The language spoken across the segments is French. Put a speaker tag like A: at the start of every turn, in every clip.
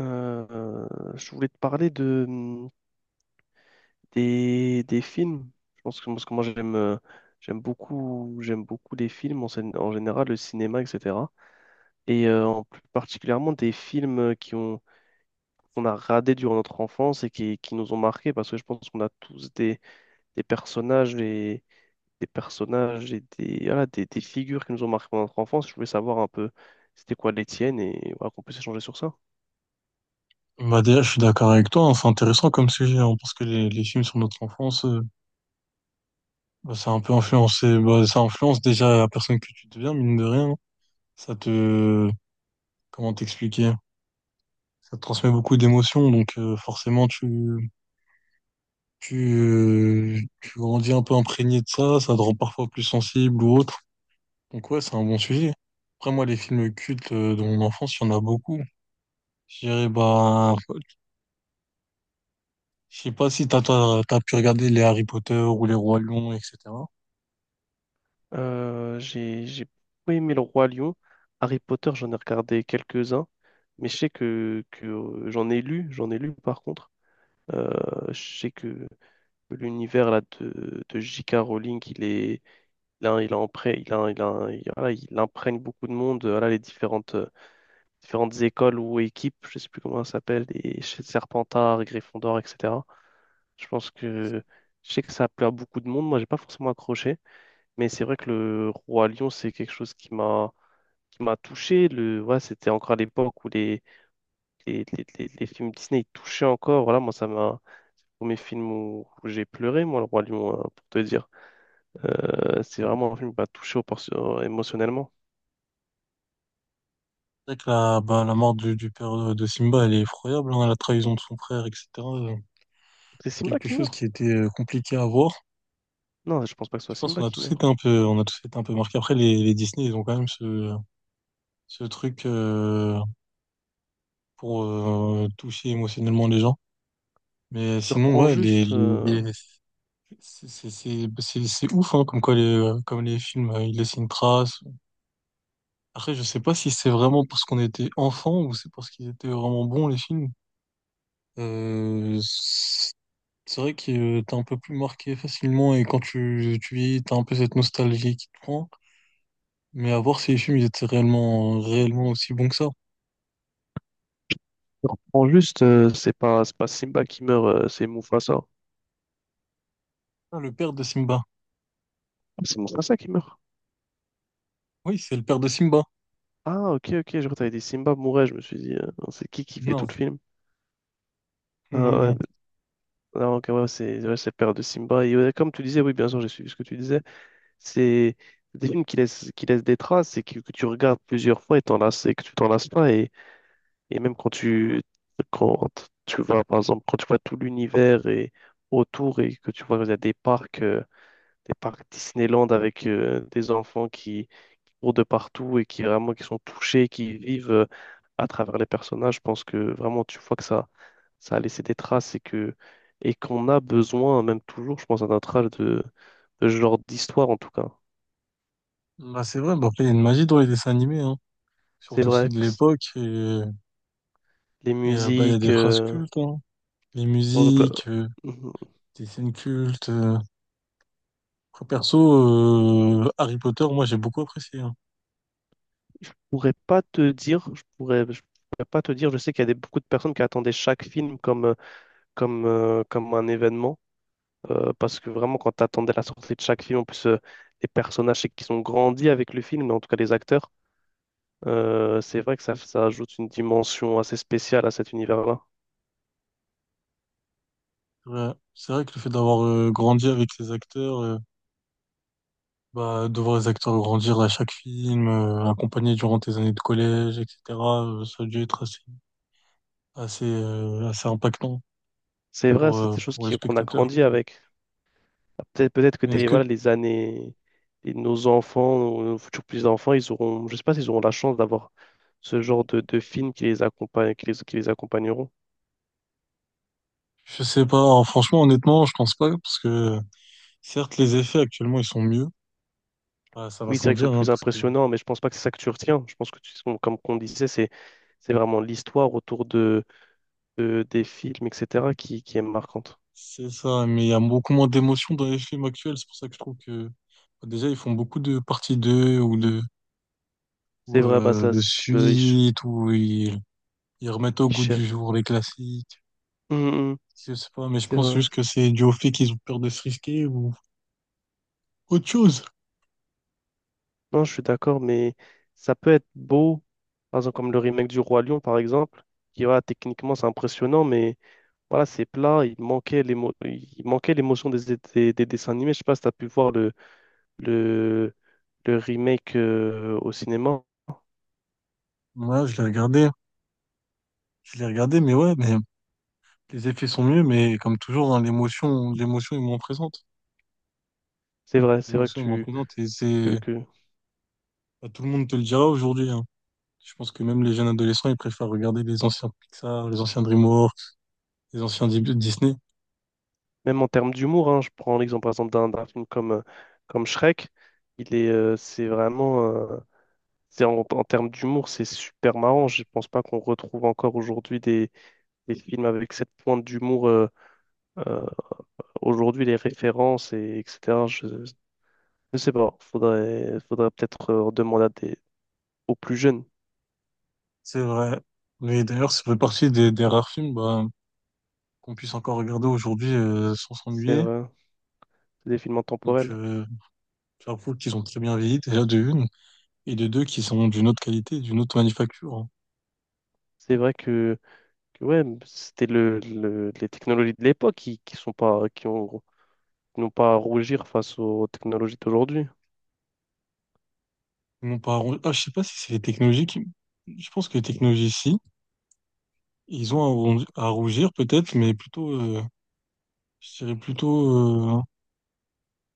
A: Euh, je voulais te parler de des films. Je pense que parce que moi j'aime j'aime beaucoup les films en général, le cinéma, etc. Et en plus particulièrement des films qui ont qu'on a radés durant notre enfance et qui nous ont marqués parce que je pense qu'on a tous des personnages et des personnages et des figures qui nous ont marqués pendant notre enfance. Je voulais savoir un peu c'était quoi les tiennes et voilà, qu'on puisse échanger sur ça.
B: Bah déjà, je suis d'accord avec toi, hein, c'est intéressant comme sujet, hein, parce que les films sur notre enfance, bah, ça a un peu influencé, bah, ça influence déjà la personne que tu deviens, mine de rien. Ça te, comment t'expliquer? Ça te transmet beaucoup d'émotions, donc forcément, tu grandis un peu imprégné de ça, ça te rend parfois plus sensible ou autre. Donc ouais, c'est un bon sujet. Après, moi, les films cultes de mon enfance, il y en a beaucoup. Je dirais, bah, je sais pas si t'as pu regarder les Harry Potter ou les Rois Lions, etc.
A: J'ai beaucoup aimé Le Roi Lion. Harry Potter, j'en ai regardé quelques-uns, mais je sais que j'en ai lu par contre. Euh, je sais que l'univers de J.K. Rowling, il a impré- il a, il a- il voilà, il imprègne beaucoup de monde. Voilà, différentes écoles ou équipes, je sais plus comment ça s'appelle, les Serpentard, Gryffondor, etc. Je pense que je sais que ça a plu à beaucoup de monde. Moi, j'ai pas forcément accroché. Mais c'est vrai que le Roi Lion, c'est quelque chose qui m'a touché. Ouais, c'était encore à l'époque où les films Disney ils touchaient encore. Voilà, moi, ça m'a. C'est le premier film où j'ai pleuré, moi, le Roi Lion, hein, pour te dire. C'est vraiment un film qui m'a touché émotionnellement.
B: C'est vrai que la, bah, la mort du père de Simba, elle est effroyable, hein, la trahison de son frère, etc. euh,
A: C'est
B: C'est
A: Simba
B: quelque
A: qui
B: chose
A: meurt?
B: qui était compliqué à voir.
A: Non, je pense pas que ce soit
B: Je pense qu'on
A: Simba
B: a
A: qui
B: tous
A: meurt.
B: été un peu, on a tous été un peu marqués. Après, les Disney, ils ont quand même ce, ce truc pour toucher émotionnellement les gens. Mais
A: Je te
B: sinon,
A: reprends
B: ouais, les,
A: juste. euh,
B: les, les- c'est c'est- c'est- c'est- c'est ouf, hein, comme quoi comme les films, ils laissent une trace. Après, je sais pas si c'est vraiment parce qu'on était enfant ou c'est parce qu'ils étaient vraiment bons, les films. Euh, C'est vrai que t'es un peu plus marqué facilement et quand tu vieillis, t'as un peu cette nostalgie qui te prend. Mais à voir si les films ils étaient réellement aussi bons que ça.
A: Je te reprends juste. C'est pas Simba qui meurt, c'est Mufasa.
B: Ah, le père de Simba.
A: Ah, c'est Mufasa qui meurt.
B: Oui, c'est le père de Simba.
A: Ah, ok, ok, je crois que t'avais dit Simba mourait. Je me suis dit, c'est qui fait tout
B: Non,
A: le film? Ah
B: non,
A: ouais,
B: non.
A: donc ouais, c'est le père de Simba. Et ouais, comme tu disais, oui, bien sûr, j'ai suivi ce que tu disais. C'est des films qui laissent des traces et que tu regardes plusieurs fois et et que tu t'en lasses pas. Et même quand tu vois, par exemple, quand tu vois tout l'univers et autour et que tu vois, il y a des parcs Disneyland avec des enfants qui, autour de partout et qui sont touchés, qui vivent à travers les personnages. Je pense que vraiment tu vois ça a laissé des traces et que et qu'on a besoin, même toujours, je pense, à notre âge de ce genre d'histoire en tout cas.
B: Bah, c'est vrai, bah, après, il y a une magie dans les dessins animés, hein.
A: C'est
B: Surtout ceux
A: vrai
B: de
A: que
B: l'époque.
A: les
B: Bah, il y a
A: musiques,
B: des phrases cultes, hein. Les
A: bon, je peux-
B: musiques,
A: je
B: des scènes cultes. Après, perso, Harry Potter, moi, j'ai beaucoup apprécié, hein.
A: pourrais pas te dire, je pourrais pas te dire. Je sais qu'il y a beaucoup de personnes qui attendaient chaque film comme comme un événement. Parce que vraiment, quand tu attendais la sortie de chaque film, en plus, les personnages c'est qu'ils ont grandi avec le film, mais en tout cas les acteurs, c'est vrai ça ajoute une dimension assez spéciale à cet univers-là.
B: Ouais. C'est vrai que le fait d'avoir grandi avec les acteurs. Bah, de voir les acteurs grandir à chaque film, accompagner durant tes années de collège, etc., ça a dû être assez impactant
A: C'est vrai, c'est des choses
B: pour le
A: qu'on a
B: spectateur.
A: grandi avec. Peut-être
B: Mais est-ce que,
A: les années, et nos enfants, nos futurs petits-enfants, je sais pas s'ils auront la chance d'avoir ce genre de films qui les accompagnent, qui les accompagneront.
B: je sais pas, hein, franchement, honnêtement, je pense pas, parce que certes, les effets actuellement, ils sont mieux. Bah, ça va
A: Oui, c'est
B: sans
A: vrai qu'ils sont
B: dire, hein,
A: plus
B: parce que
A: impressionnants, mais je pense pas que c'est ça que tu retiens. Je pense que tu, comme on disait, c'est vraiment l'histoire autour de, des films, etc., qui est marquante.
B: c'est ça, mais il y a beaucoup moins d'émotions dans les films actuels, c'est pour ça que je trouve que bah, déjà, ils font beaucoup de parties 2 ou,
A: C'est vrai, bah ça,
B: de
A: c'est le
B: suites, où ils remettent au goût
A: Isher.
B: du jour les classiques.
A: Hum, hum, hum,
B: Je sais pas, mais je
A: c'est
B: pense
A: vrai.
B: juste que c'est dû au fait qu'ils ont peur de se risquer ou autre chose.
A: Non, je suis d'accord, mais ça peut être beau, par exemple comme le remake du Roi Lion, par exemple, qui voilà, techniquement c'est impressionnant, mais voilà, c'est plat, il manquait l'émotion des, des dessins animés. Je sais pas si tu as pu voir le, le remake au cinéma.
B: Moi, je l'ai regardé, mais ouais, mais les effets sont mieux, mais comme toujours, hein, l'émotion est moins présente.
A: C'est vrai que
B: L'émotion est moins
A: tu
B: présente et
A: que,
B: c'est,
A: que-
B: bah, tout le monde te le dira aujourd'hui, hein. Je pense que même les jeunes adolescents, ils préfèrent regarder les anciens Pixar, les anciens DreamWorks, les anciens Disney.
A: même en termes d'humour, hein, je prends l'exemple par exemple d'un film comme, comme Shrek, il est c'est vraiment c'est en, en termes d'humour, c'est super marrant. Je pense pas qu'on retrouve encore aujourd'hui les films avec cette pointe d'humour euh, aujourd'hui, les références, et, etc. Je ne sais pas. Faudrait peut-être demander à aux plus jeunes.
B: C'est vrai. Mais d'ailleurs, ça fait partie des rares films, bah, qu'on puisse encore regarder aujourd'hui, sans
A: C'est
B: s'ennuyer.
A: vrai. C'est des films
B: Donc,
A: intemporels.
B: j'avoue qu'ils ont très bien vieilli, déjà de une, et de deux qui sont d'une autre qualité, d'une autre manufacture, hein.
A: C'est vrai que ouais, c'était les technologies de l'époque qui ont, non pas à rougir face aux technologies d'aujourd'hui.
B: Ils n'ont pas à rougir. Ah, je sais pas si c'est les technologies qui... Je pense que les technologies, si, ils ont à rougir peut-être, mais plutôt, je dirais plutôt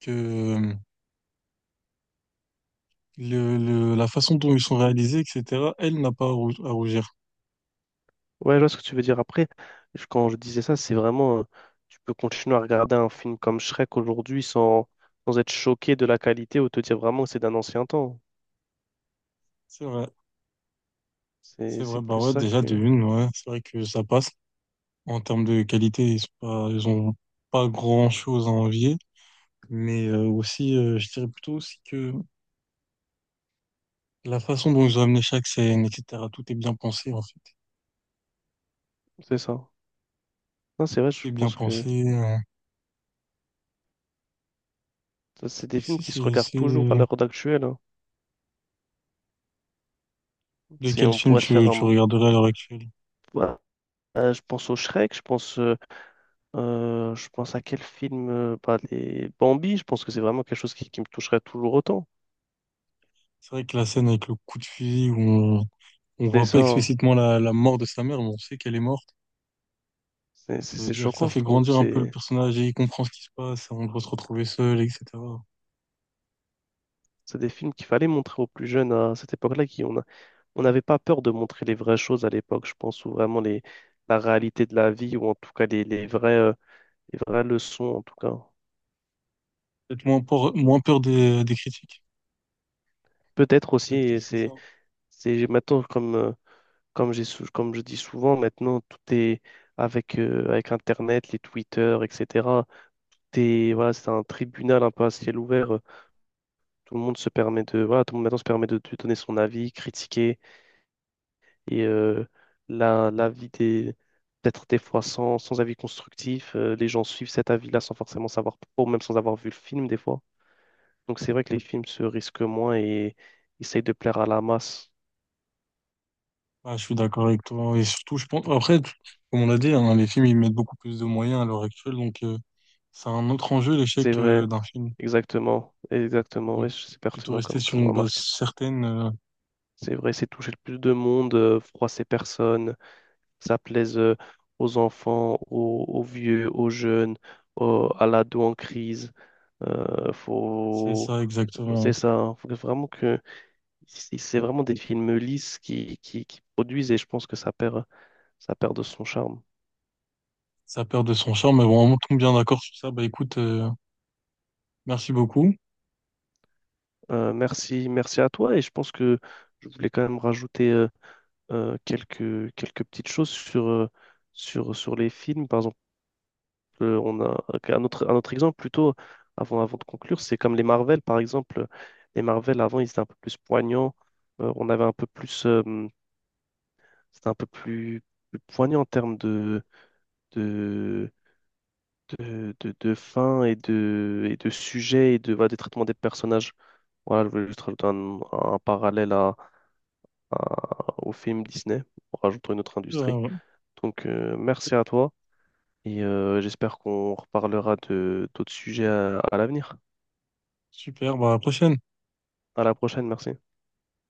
B: que le, la façon dont ils sont réalisés, etc., elle n'a pas à, à rougir.
A: Ouais, je vois ce que tu veux dire. Après, quand je disais ça, c'est vraiment, tu peux continuer à regarder un film comme Shrek aujourd'hui sans être choqué de la qualité ou te dire vraiment que c'est d'un ancien temps.
B: C'est vrai, c'est
A: C'est
B: vrai. Bah
A: plus
B: ouais,
A: ça
B: déjà
A: que...
B: de une, ouais, c'est vrai que ça passe. En termes de qualité, ils sont pas, ils ont pas grand-chose à envier, mais je dirais plutôt aussi que la façon dont ils ont amené chaque scène, etc., tout est bien pensé, en fait.
A: C'est ça. Non, c'est vrai, je
B: Tout est bien
A: pense que...
B: pensé.
A: Ça, c'est des films qui se regardent toujours à
B: C'est...
A: l'heure actuelle, hein.
B: De quel
A: On
B: film
A: pourrait se faire
B: tu
A: un.
B: regarderais à l'heure actuelle?
A: Ouais. Je pense au Shrek, je pense à quel film, bah, les Bambi, je pense que c'est vraiment quelque chose qui me toucherait toujours autant.
B: C'est vrai que la scène avec le coup de fusil, où on
A: C'est
B: voit pas
A: ça, hein.
B: explicitement la mort de sa mère, mais on sait qu'elle est morte. Ça veut
A: C'est
B: dire que ça
A: choquant, je
B: fait
A: trouve.
B: grandir un peu le personnage et il comprend ce qui se passe, on doit se retrouver seul, etc.
A: C'est des films qu'il fallait montrer aux plus jeunes à cette époque-là, on n'avait pas peur de montrer les vraies choses à l'époque, je pense, ou vraiment les, la réalité de la vie, ou en tout cas les vraies leçons, en tout cas.
B: Moins peur des critiques.
A: Peut-être aussi,
B: Peut-être que
A: et
B: c'était ça.
A: c'est maintenant comme. Comme comme je dis souvent, maintenant, tout est avec, avec Internet, les Twitter, etc. Voilà, c'est un tribunal un peu à ciel ouvert. Tout le monde se permet de, voilà, tout le monde maintenant se permet de donner son avis, critiquer. Et l'avis des, peut-être des fois sans avis constructif, les gens suivent cet avis-là sans forcément savoir pourquoi, ou même sans avoir vu le film des fois. Donc c'est vrai que les films se risquent moins et essayent de plaire à la masse.
B: Ah, je suis d'accord avec toi. Et surtout, je pense, après, comme on l'a dit, hein, les films, ils mettent beaucoup plus de moyens à l'heure actuelle, donc, c'est un autre enjeu,
A: C'est
B: l'échec
A: vrai,
B: d'un film.
A: exactement, exactement,
B: Donc,
A: ouais, c'est
B: plutôt
A: pertinent
B: rester sur
A: comme
B: une base
A: remarque.
B: certaine,
A: C'est vrai, c'est toucher le plus de monde, froisser personne, ça plaise aux enfants, aux vieux, aux jeunes, à l'ado en crise.
B: c'est
A: Faut...
B: ça
A: C'est
B: exactement.
A: ça, hein. Faut que vraiment que c'est vraiment des films lisses qui produisent et je pense que ça perd de son charme.
B: Ça perd de son charme, mais bon, on tombe bien d'accord sur ça. Bah écoute, merci beaucoup.
A: Merci à toi et je pense que je voulais quand même rajouter quelques petites choses sur les films. Par exemple, on a un autre exemple plutôt avant de conclure, c'est comme les Marvel, par exemple. Les Marvel, avant, ils étaient un peu plus poignants. On avait un peu plus. C'était plus poignant en termes de, de fin et de sujet et de, voilà, des traitements des personnages. Voilà, je voulais juste rajouter un parallèle à, au film Disney, en rajoutant une autre industrie.
B: Ouais.
A: Donc, merci à toi et j'espère qu'on reparlera de d'autres sujets à l'avenir.
B: Super, bah à la prochaine.
A: À la prochaine, merci.